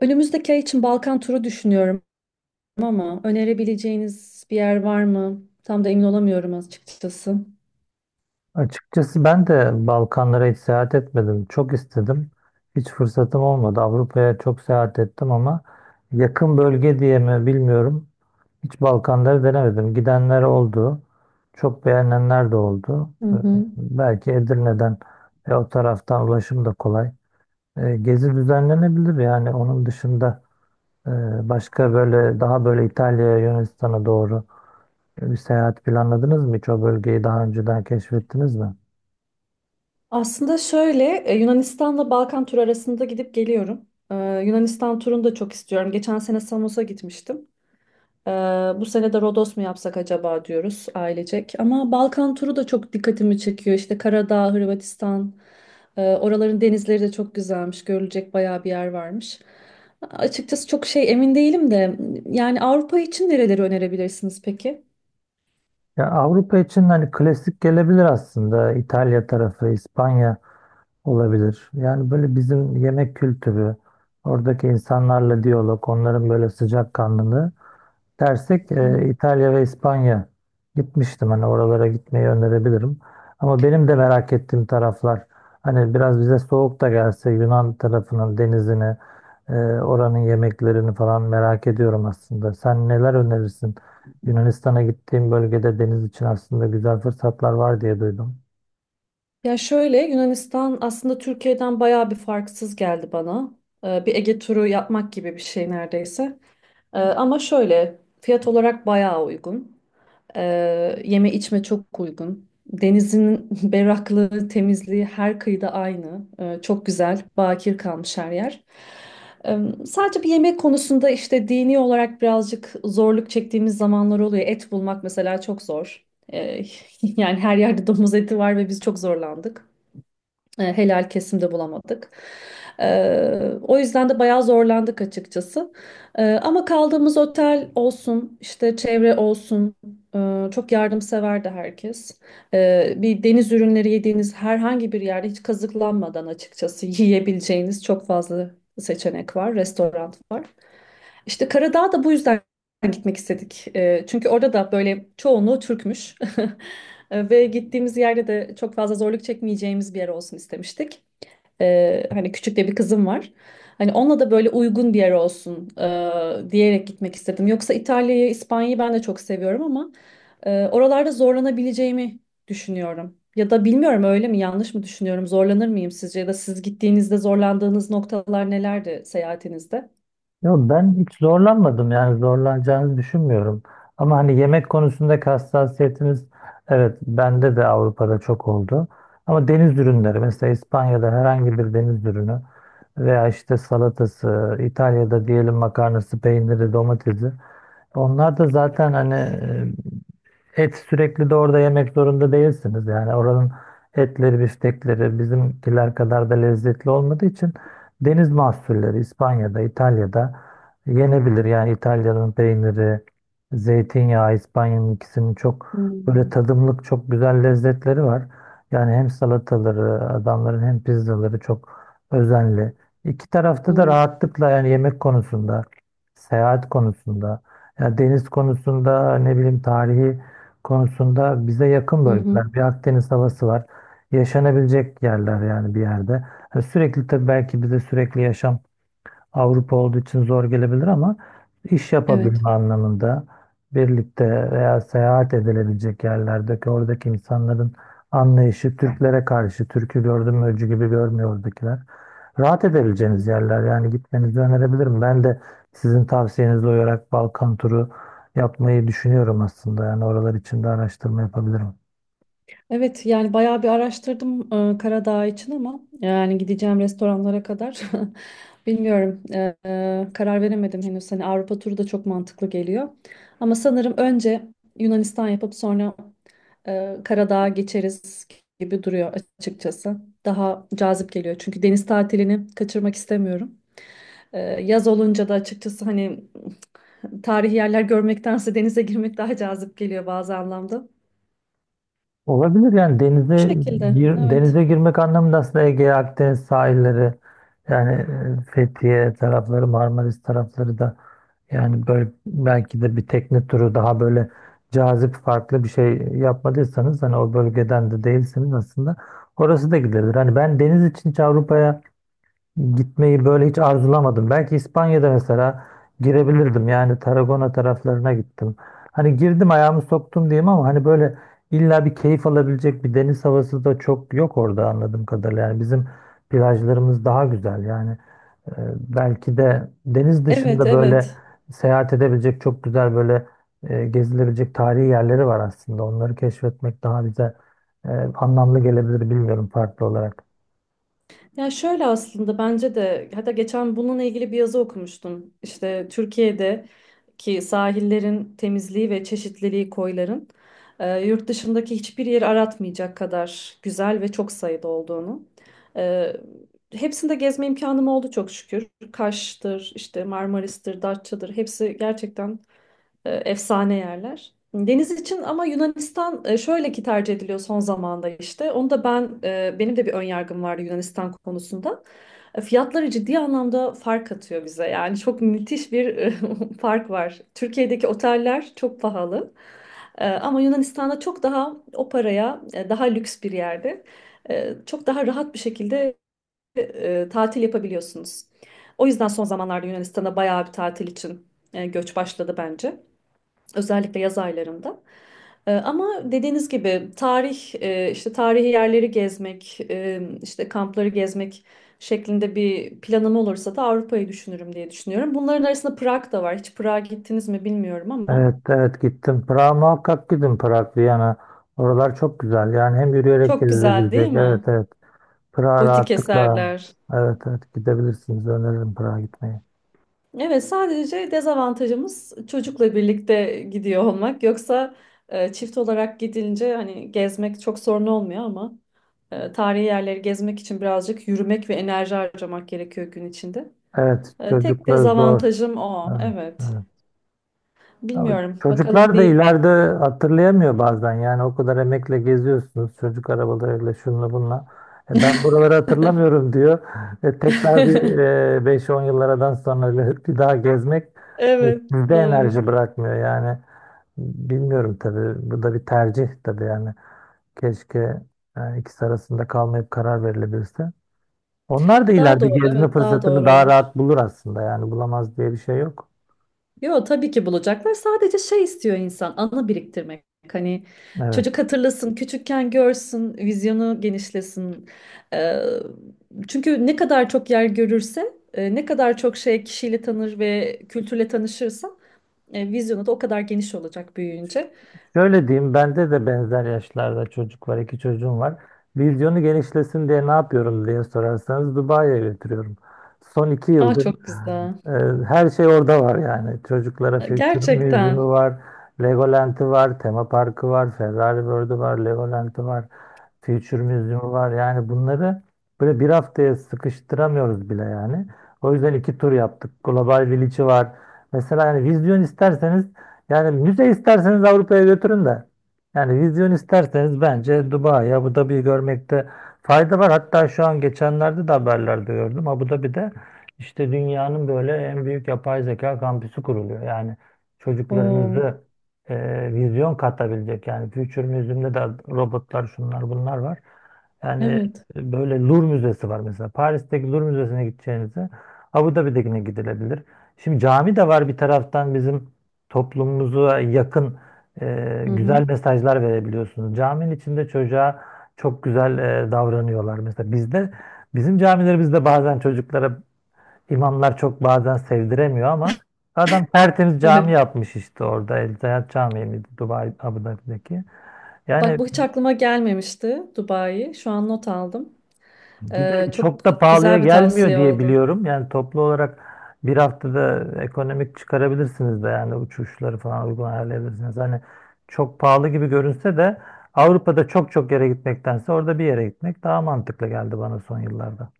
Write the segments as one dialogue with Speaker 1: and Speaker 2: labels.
Speaker 1: Önümüzdeki ay için Balkan turu düşünüyorum ama önerebileceğiniz bir yer var mı? Tam da emin olamıyorum açıkçası.
Speaker 2: Açıkçası ben de Balkanlara hiç seyahat etmedim. Çok istedim. Hiç fırsatım olmadı. Avrupa'ya çok seyahat ettim ama yakın bölge diye mi bilmiyorum. Hiç Balkanları denemedim. Gidenler oldu. Çok beğenenler de oldu.
Speaker 1: Hı hı.
Speaker 2: Belki Edirne'den ve o taraftan ulaşım da kolay. Gezi düzenlenebilir yani. Onun dışında e, başka böyle daha böyle İtalya'ya, Yunanistan'a doğru bir seyahat planladınız mı? Hiç o bölgeyi daha önceden keşfettiniz mi?
Speaker 1: Aslında şöyle Yunanistan'la Balkan turu arasında gidip geliyorum. Yunanistan turunu da çok istiyorum. Geçen sene Samos'a gitmiştim. Ee, Bu sene de Rodos mu yapsak acaba diyoruz ailecek. Ama Balkan turu da çok dikkatimi çekiyor. İşte Karadağ, Hırvatistan, oraların denizleri de çok güzelmiş. Görülecek bayağı bir yer varmış. Açıkçası çok şey emin değilim de yani Avrupa için nereleri önerebilirsiniz peki?
Speaker 2: Ya Avrupa için hani klasik gelebilir aslında. İtalya tarafı, İspanya olabilir. Yani böyle bizim yemek kültürü, oradaki insanlarla diyalog, onların böyle sıcakkanlılığı dersek
Speaker 1: Hmm.
Speaker 2: İtalya ve İspanya gitmiştim. Hani oralara gitmeyi önerebilirim. Ama benim de merak ettiğim taraflar hani biraz bize soğuk da gelse Yunan tarafının denizini e, oranın yemeklerini falan merak ediyorum aslında. Sen neler önerirsin? Yunanistan'a gittiğim bölgede deniz için aslında güzel fırsatlar var diye duydum.
Speaker 1: Ya şöyle, Yunanistan aslında Türkiye'den bayağı bir farksız geldi bana. Bir Ege turu yapmak gibi bir şey neredeyse. Ama şöyle fiyat olarak bayağı uygun. Yeme içme çok uygun. Denizin berraklığı, temizliği her kıyıda aynı. Çok güzel, bakir kalmış her yer. Ee, Sadece bir yemek konusunda işte dini olarak birazcık zorluk çektiğimiz zamanlar oluyor. Et bulmak mesela çok zor. Ee, yani her yerde domuz eti var ve biz çok zorlandık. Helal kesimde bulamadık. E, O yüzden de bayağı zorlandık açıkçası. Ama kaldığımız otel olsun, işte çevre olsun, çok yardımseverdi herkes. Bir deniz ürünleri yediğiniz herhangi bir yerde hiç kazıklanmadan açıkçası yiyebileceğiniz çok fazla seçenek var, restoran var. İşte Karadağ'a da bu yüzden gitmek istedik. Çünkü orada da böyle çoğunluğu Türkmüş. Ve gittiğimiz yerde de çok fazla zorluk çekmeyeceğimiz bir yer olsun istemiştik. Hani küçük de bir kızım var. Hani onunla da böyle uygun bir yer olsun diyerek gitmek istedim. Yoksa İtalya'yı, İspanya'yı ben de çok seviyorum ama oralarda zorlanabileceğimi düşünüyorum. Ya da bilmiyorum, öyle mi yanlış mı düşünüyorum? Zorlanır mıyım sizce? Ya da siz gittiğinizde zorlandığınız noktalar nelerdi seyahatinizde?
Speaker 2: Yo, ben hiç zorlanmadım, yani zorlanacağınızı düşünmüyorum. Ama hani yemek konusundaki hassasiyetimiz, evet, bende de Avrupa'da çok oldu. Ama deniz ürünleri mesela İspanya'da herhangi bir deniz ürünü veya işte salatası, İtalya'da diyelim makarnası, peyniri, domatesi. Onlar da zaten hani et sürekli de orada yemek zorunda değilsiniz. Yani oranın etleri, biftekleri bizimkiler kadar da lezzetli olmadığı için deniz mahsulleri İspanya'da, İtalya'da yenebilir. Yani İtalya'nın peyniri, zeytinyağı, İspanya'nın ikisinin çok böyle
Speaker 1: Hmm.
Speaker 2: tadımlık çok güzel lezzetleri var. Yani hem salataları adamların hem pizzaları çok özenli. İki tarafta da
Speaker 1: Hmm.
Speaker 2: rahatlıkla yani yemek konusunda, seyahat konusunda, ya deniz konusunda, ne bileyim, tarihi konusunda bize yakın
Speaker 1: Hı hı.
Speaker 2: bölgeler. Bir Akdeniz havası var. Yaşanabilecek yerler yani bir yerde. Ha, sürekli tabii, belki bize sürekli yaşam Avrupa olduğu için zor gelebilir ama iş
Speaker 1: Evet.
Speaker 2: yapabilme anlamında birlikte veya seyahat edilebilecek yerlerdeki oradaki insanların anlayışı Türklere karşı, Türk'ü gördüm öcü gibi görmüyor oradakiler. Rahat edebileceğiniz yerler, yani gitmenizi önerebilirim. Ben de sizin tavsiyenize uyarak Balkan turu yapmayı düşünüyorum aslında. Yani oralar için de araştırma yapabilirim.
Speaker 1: Evet, yani bayağı bir araştırdım Karadağ için ama yani gideceğim restoranlara kadar bilmiyorum, karar veremedim henüz. Hani Avrupa turu da çok mantıklı geliyor. Ama sanırım önce Yunanistan yapıp sonra Karadağ'a geçeriz gibi duruyor açıkçası. Daha cazip geliyor çünkü deniz tatilini kaçırmak istemiyorum. Yaz olunca da açıkçası hani tarihi yerler görmektense denize girmek daha cazip geliyor bazı anlamda.
Speaker 2: Olabilir, yani
Speaker 1: Bu şekilde, evet.
Speaker 2: denize girmek anlamında aslında Ege, Akdeniz sahilleri, yani Fethiye tarafları, Marmaris tarafları da, yani böyle belki de bir tekne turu daha böyle cazip, farklı bir şey yapmadıysanız, hani o bölgeden de değilsiniz aslında, orası da gidilebilir. Hani ben deniz için hiç Avrupa'ya gitmeyi böyle hiç arzulamadım. Belki İspanya'da mesela girebilirdim. Yani Tarragona taraflarına gittim. Hani girdim, ayağımı soktum diyeyim, ama hani böyle illa bir keyif alabilecek bir deniz havası da çok yok orada anladığım kadarıyla. Yani bizim plajlarımız daha güzel. Yani e, belki de deniz
Speaker 1: Evet,
Speaker 2: dışında böyle
Speaker 1: evet.
Speaker 2: seyahat edebilecek çok güzel böyle gezilebilecek tarihi yerleri var aslında. Onları keşfetmek daha bize e, anlamlı gelebilir bilmiyorum, farklı olarak.
Speaker 1: Ya şöyle, aslında bence de, hatta geçen bununla ilgili bir yazı okumuştum. İşte Türkiye'deki sahillerin temizliği ve çeşitliliği, koyların yurt dışındaki hiçbir yeri aratmayacak kadar güzel ve çok sayıda olduğunu. E, Hepsinde gezme imkanım oldu çok şükür. Kaş'tır, işte Marmaris'tir, Datça'dır, hepsi gerçekten efsane yerler. Deniz için ama Yunanistan şöyle ki tercih ediliyor son zamanda işte. Onu da ben, benim de bir ön yargım vardı Yunanistan konusunda. Fiyatları ciddi anlamda fark atıyor bize. Yani çok müthiş bir fark var. Türkiye'deki oteller çok pahalı. Ama Yunanistan'da çok daha o paraya daha lüks bir yerde çok daha rahat bir şekilde tatil yapabiliyorsunuz. O yüzden son zamanlarda Yunanistan'a bayağı bir tatil için göç başladı bence. Özellikle yaz aylarında. Ama dediğiniz gibi tarih, işte tarihi yerleri gezmek, işte kampları gezmek şeklinde bir planım olursa da Avrupa'yı düşünürüm diye düşünüyorum. Bunların arasında Prag da var. Hiç Prag'a gittiniz mi bilmiyorum ama
Speaker 2: Evet, evet, gittim. Prag'a muhakkak gidin. Prag, Viyana. Oralar çok güzel. Yani hem yürüyerek
Speaker 1: çok güzel değil
Speaker 2: gezilebilecek. Evet,
Speaker 1: mi?
Speaker 2: evet. Prag'a
Speaker 1: Gotik
Speaker 2: rahatlıkla.
Speaker 1: eserler.
Speaker 2: Evet, evet, gidebilirsiniz. Öneririm Prag'a gitmeyi.
Speaker 1: Evet, sadece dezavantajımız çocukla birlikte gidiyor olmak. Yoksa çift olarak gidince hani gezmek çok sorun olmuyor ama. Tarihi yerleri gezmek için birazcık yürümek ve enerji harcamak gerekiyor gün içinde.
Speaker 2: Evet,
Speaker 1: Tek
Speaker 2: çocuklar zor.
Speaker 1: dezavantajım o.
Speaker 2: Evet,
Speaker 1: Evet.
Speaker 2: evet. Ama
Speaker 1: Bilmiyorum. Bakalım
Speaker 2: çocuklar da
Speaker 1: bir...
Speaker 2: ileride hatırlayamıyor bazen. Yani o kadar emekle geziyorsunuz. Çocuk arabalarıyla şunla bunla. E, ben buraları hatırlamıyorum diyor. Tekrar bir 5-10 yıllardan sonra öyle bir daha gezmek e,
Speaker 1: Evet,
Speaker 2: sizde
Speaker 1: doğru.
Speaker 2: enerji bırakmıyor yani. Bilmiyorum tabii. Bu da bir tercih tabii yani. Keşke, yani ikisi arasında kalmayıp karar verilebilse. Onlar da
Speaker 1: Daha
Speaker 2: ileride
Speaker 1: doğru,
Speaker 2: gezme
Speaker 1: evet, daha
Speaker 2: fırsatını
Speaker 1: doğru
Speaker 2: daha
Speaker 1: olur.
Speaker 2: rahat bulur aslında. Yani bulamaz diye bir şey yok.
Speaker 1: Yo, tabii ki bulacaklar. Sadece şey istiyor insan, anı biriktirmek. Hani
Speaker 2: Evet.
Speaker 1: çocuk hatırlasın, küçükken görsün, vizyonu genişlesin. Ee, Çünkü ne kadar çok yer görürse, ne kadar çok şey kişiyle tanır ve kültürle tanışırsa vizyonu da o kadar geniş olacak büyüyünce.
Speaker 2: Şöyle diyeyim, bende de benzer yaşlarda çocuk var, 2 çocuğum var. Vizyonu genişlesin diye ne yapıyorum diye sorarsanız, Dubai'ye götürüyorum. Son iki
Speaker 1: Aa,
Speaker 2: yıldır
Speaker 1: çok güzel.
Speaker 2: her şey orada var yani. Çocuklara Future Museum'u
Speaker 1: Gerçekten.
Speaker 2: var, Legoland'ı var, tema parkı var, Ferrari World'u var, Legoland'ı var. Future Museum var. Yani bunları böyle bir haftaya sıkıştıramıyoruz bile yani. O yüzden 2 tur yaptık. Global Village'i var. Mesela yani vizyon isterseniz, yani müze isterseniz Avrupa'ya götürün de. Yani vizyon isterseniz bence Dubai, Abu Dhabi'yi görmekte fayda var. Hatta şu an geçenlerde de haberlerde gördüm. Abu Dhabi'de işte dünyanın böyle en büyük yapay zeka kampüsü kuruluyor. Yani
Speaker 1: Oo,
Speaker 2: çocuklarınızı vizyon katabilecek. Yani Future Museum'da da robotlar, şunlar bunlar var. Yani
Speaker 1: evet.
Speaker 2: böyle Louvre Müzesi var mesela. Paris'teki Louvre Müzesi'ne gideceğinize Abu Dhabi'dekine gidilebilir. Şimdi cami de var bir taraftan, bizim toplumumuza yakın
Speaker 1: Hı hı.
Speaker 2: güzel mesajlar verebiliyorsunuz. Caminin içinde çocuğa çok güzel davranıyorlar. Mesela bizde, bizim camilerimizde bazen çocuklara İmamlar çok bazen sevdiremiyor ama adam tertemiz cami
Speaker 1: Evet.
Speaker 2: yapmış işte orada. El Zayat Camii miydi Dubai Abu Dhabi'deki?
Speaker 1: Bak,
Speaker 2: Yani
Speaker 1: bu hiç aklıma gelmemişti, Dubai. Şu an not aldım.
Speaker 2: bir de
Speaker 1: Çok
Speaker 2: çok da pahalıya
Speaker 1: güzel bir
Speaker 2: gelmiyor
Speaker 1: tavsiye
Speaker 2: diye
Speaker 1: oldu.
Speaker 2: biliyorum. Yani toplu olarak bir haftada ekonomik çıkarabilirsiniz de, yani uçuşları falan uygun ayarlayabilirsiniz. Hani çok pahalı gibi görünse de Avrupa'da çok çok yere gitmektense orada bir yere gitmek daha mantıklı geldi bana son yıllarda.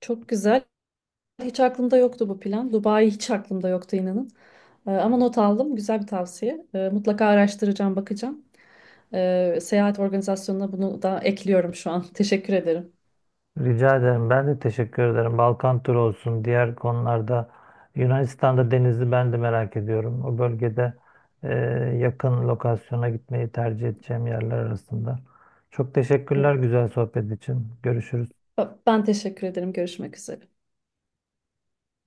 Speaker 1: Çok güzel. Hiç aklımda yoktu bu plan. Dubai hiç aklımda yoktu inanın. Ama not aldım. Güzel bir tavsiye. Mutlaka araştıracağım, bakacağım. Seyahat organizasyonuna bunu da ekliyorum şu an. Teşekkür ederim.
Speaker 2: Rica ederim. Ben de teşekkür ederim. Balkan turu olsun. Diğer konularda Yunanistan'da denizi ben de merak ediyorum. O bölgede e, yakın lokasyona gitmeyi tercih edeceğim yerler arasında. Çok teşekkürler
Speaker 1: Evet,
Speaker 2: güzel sohbet için. Görüşürüz.
Speaker 1: ben teşekkür ederim. Görüşmek üzere.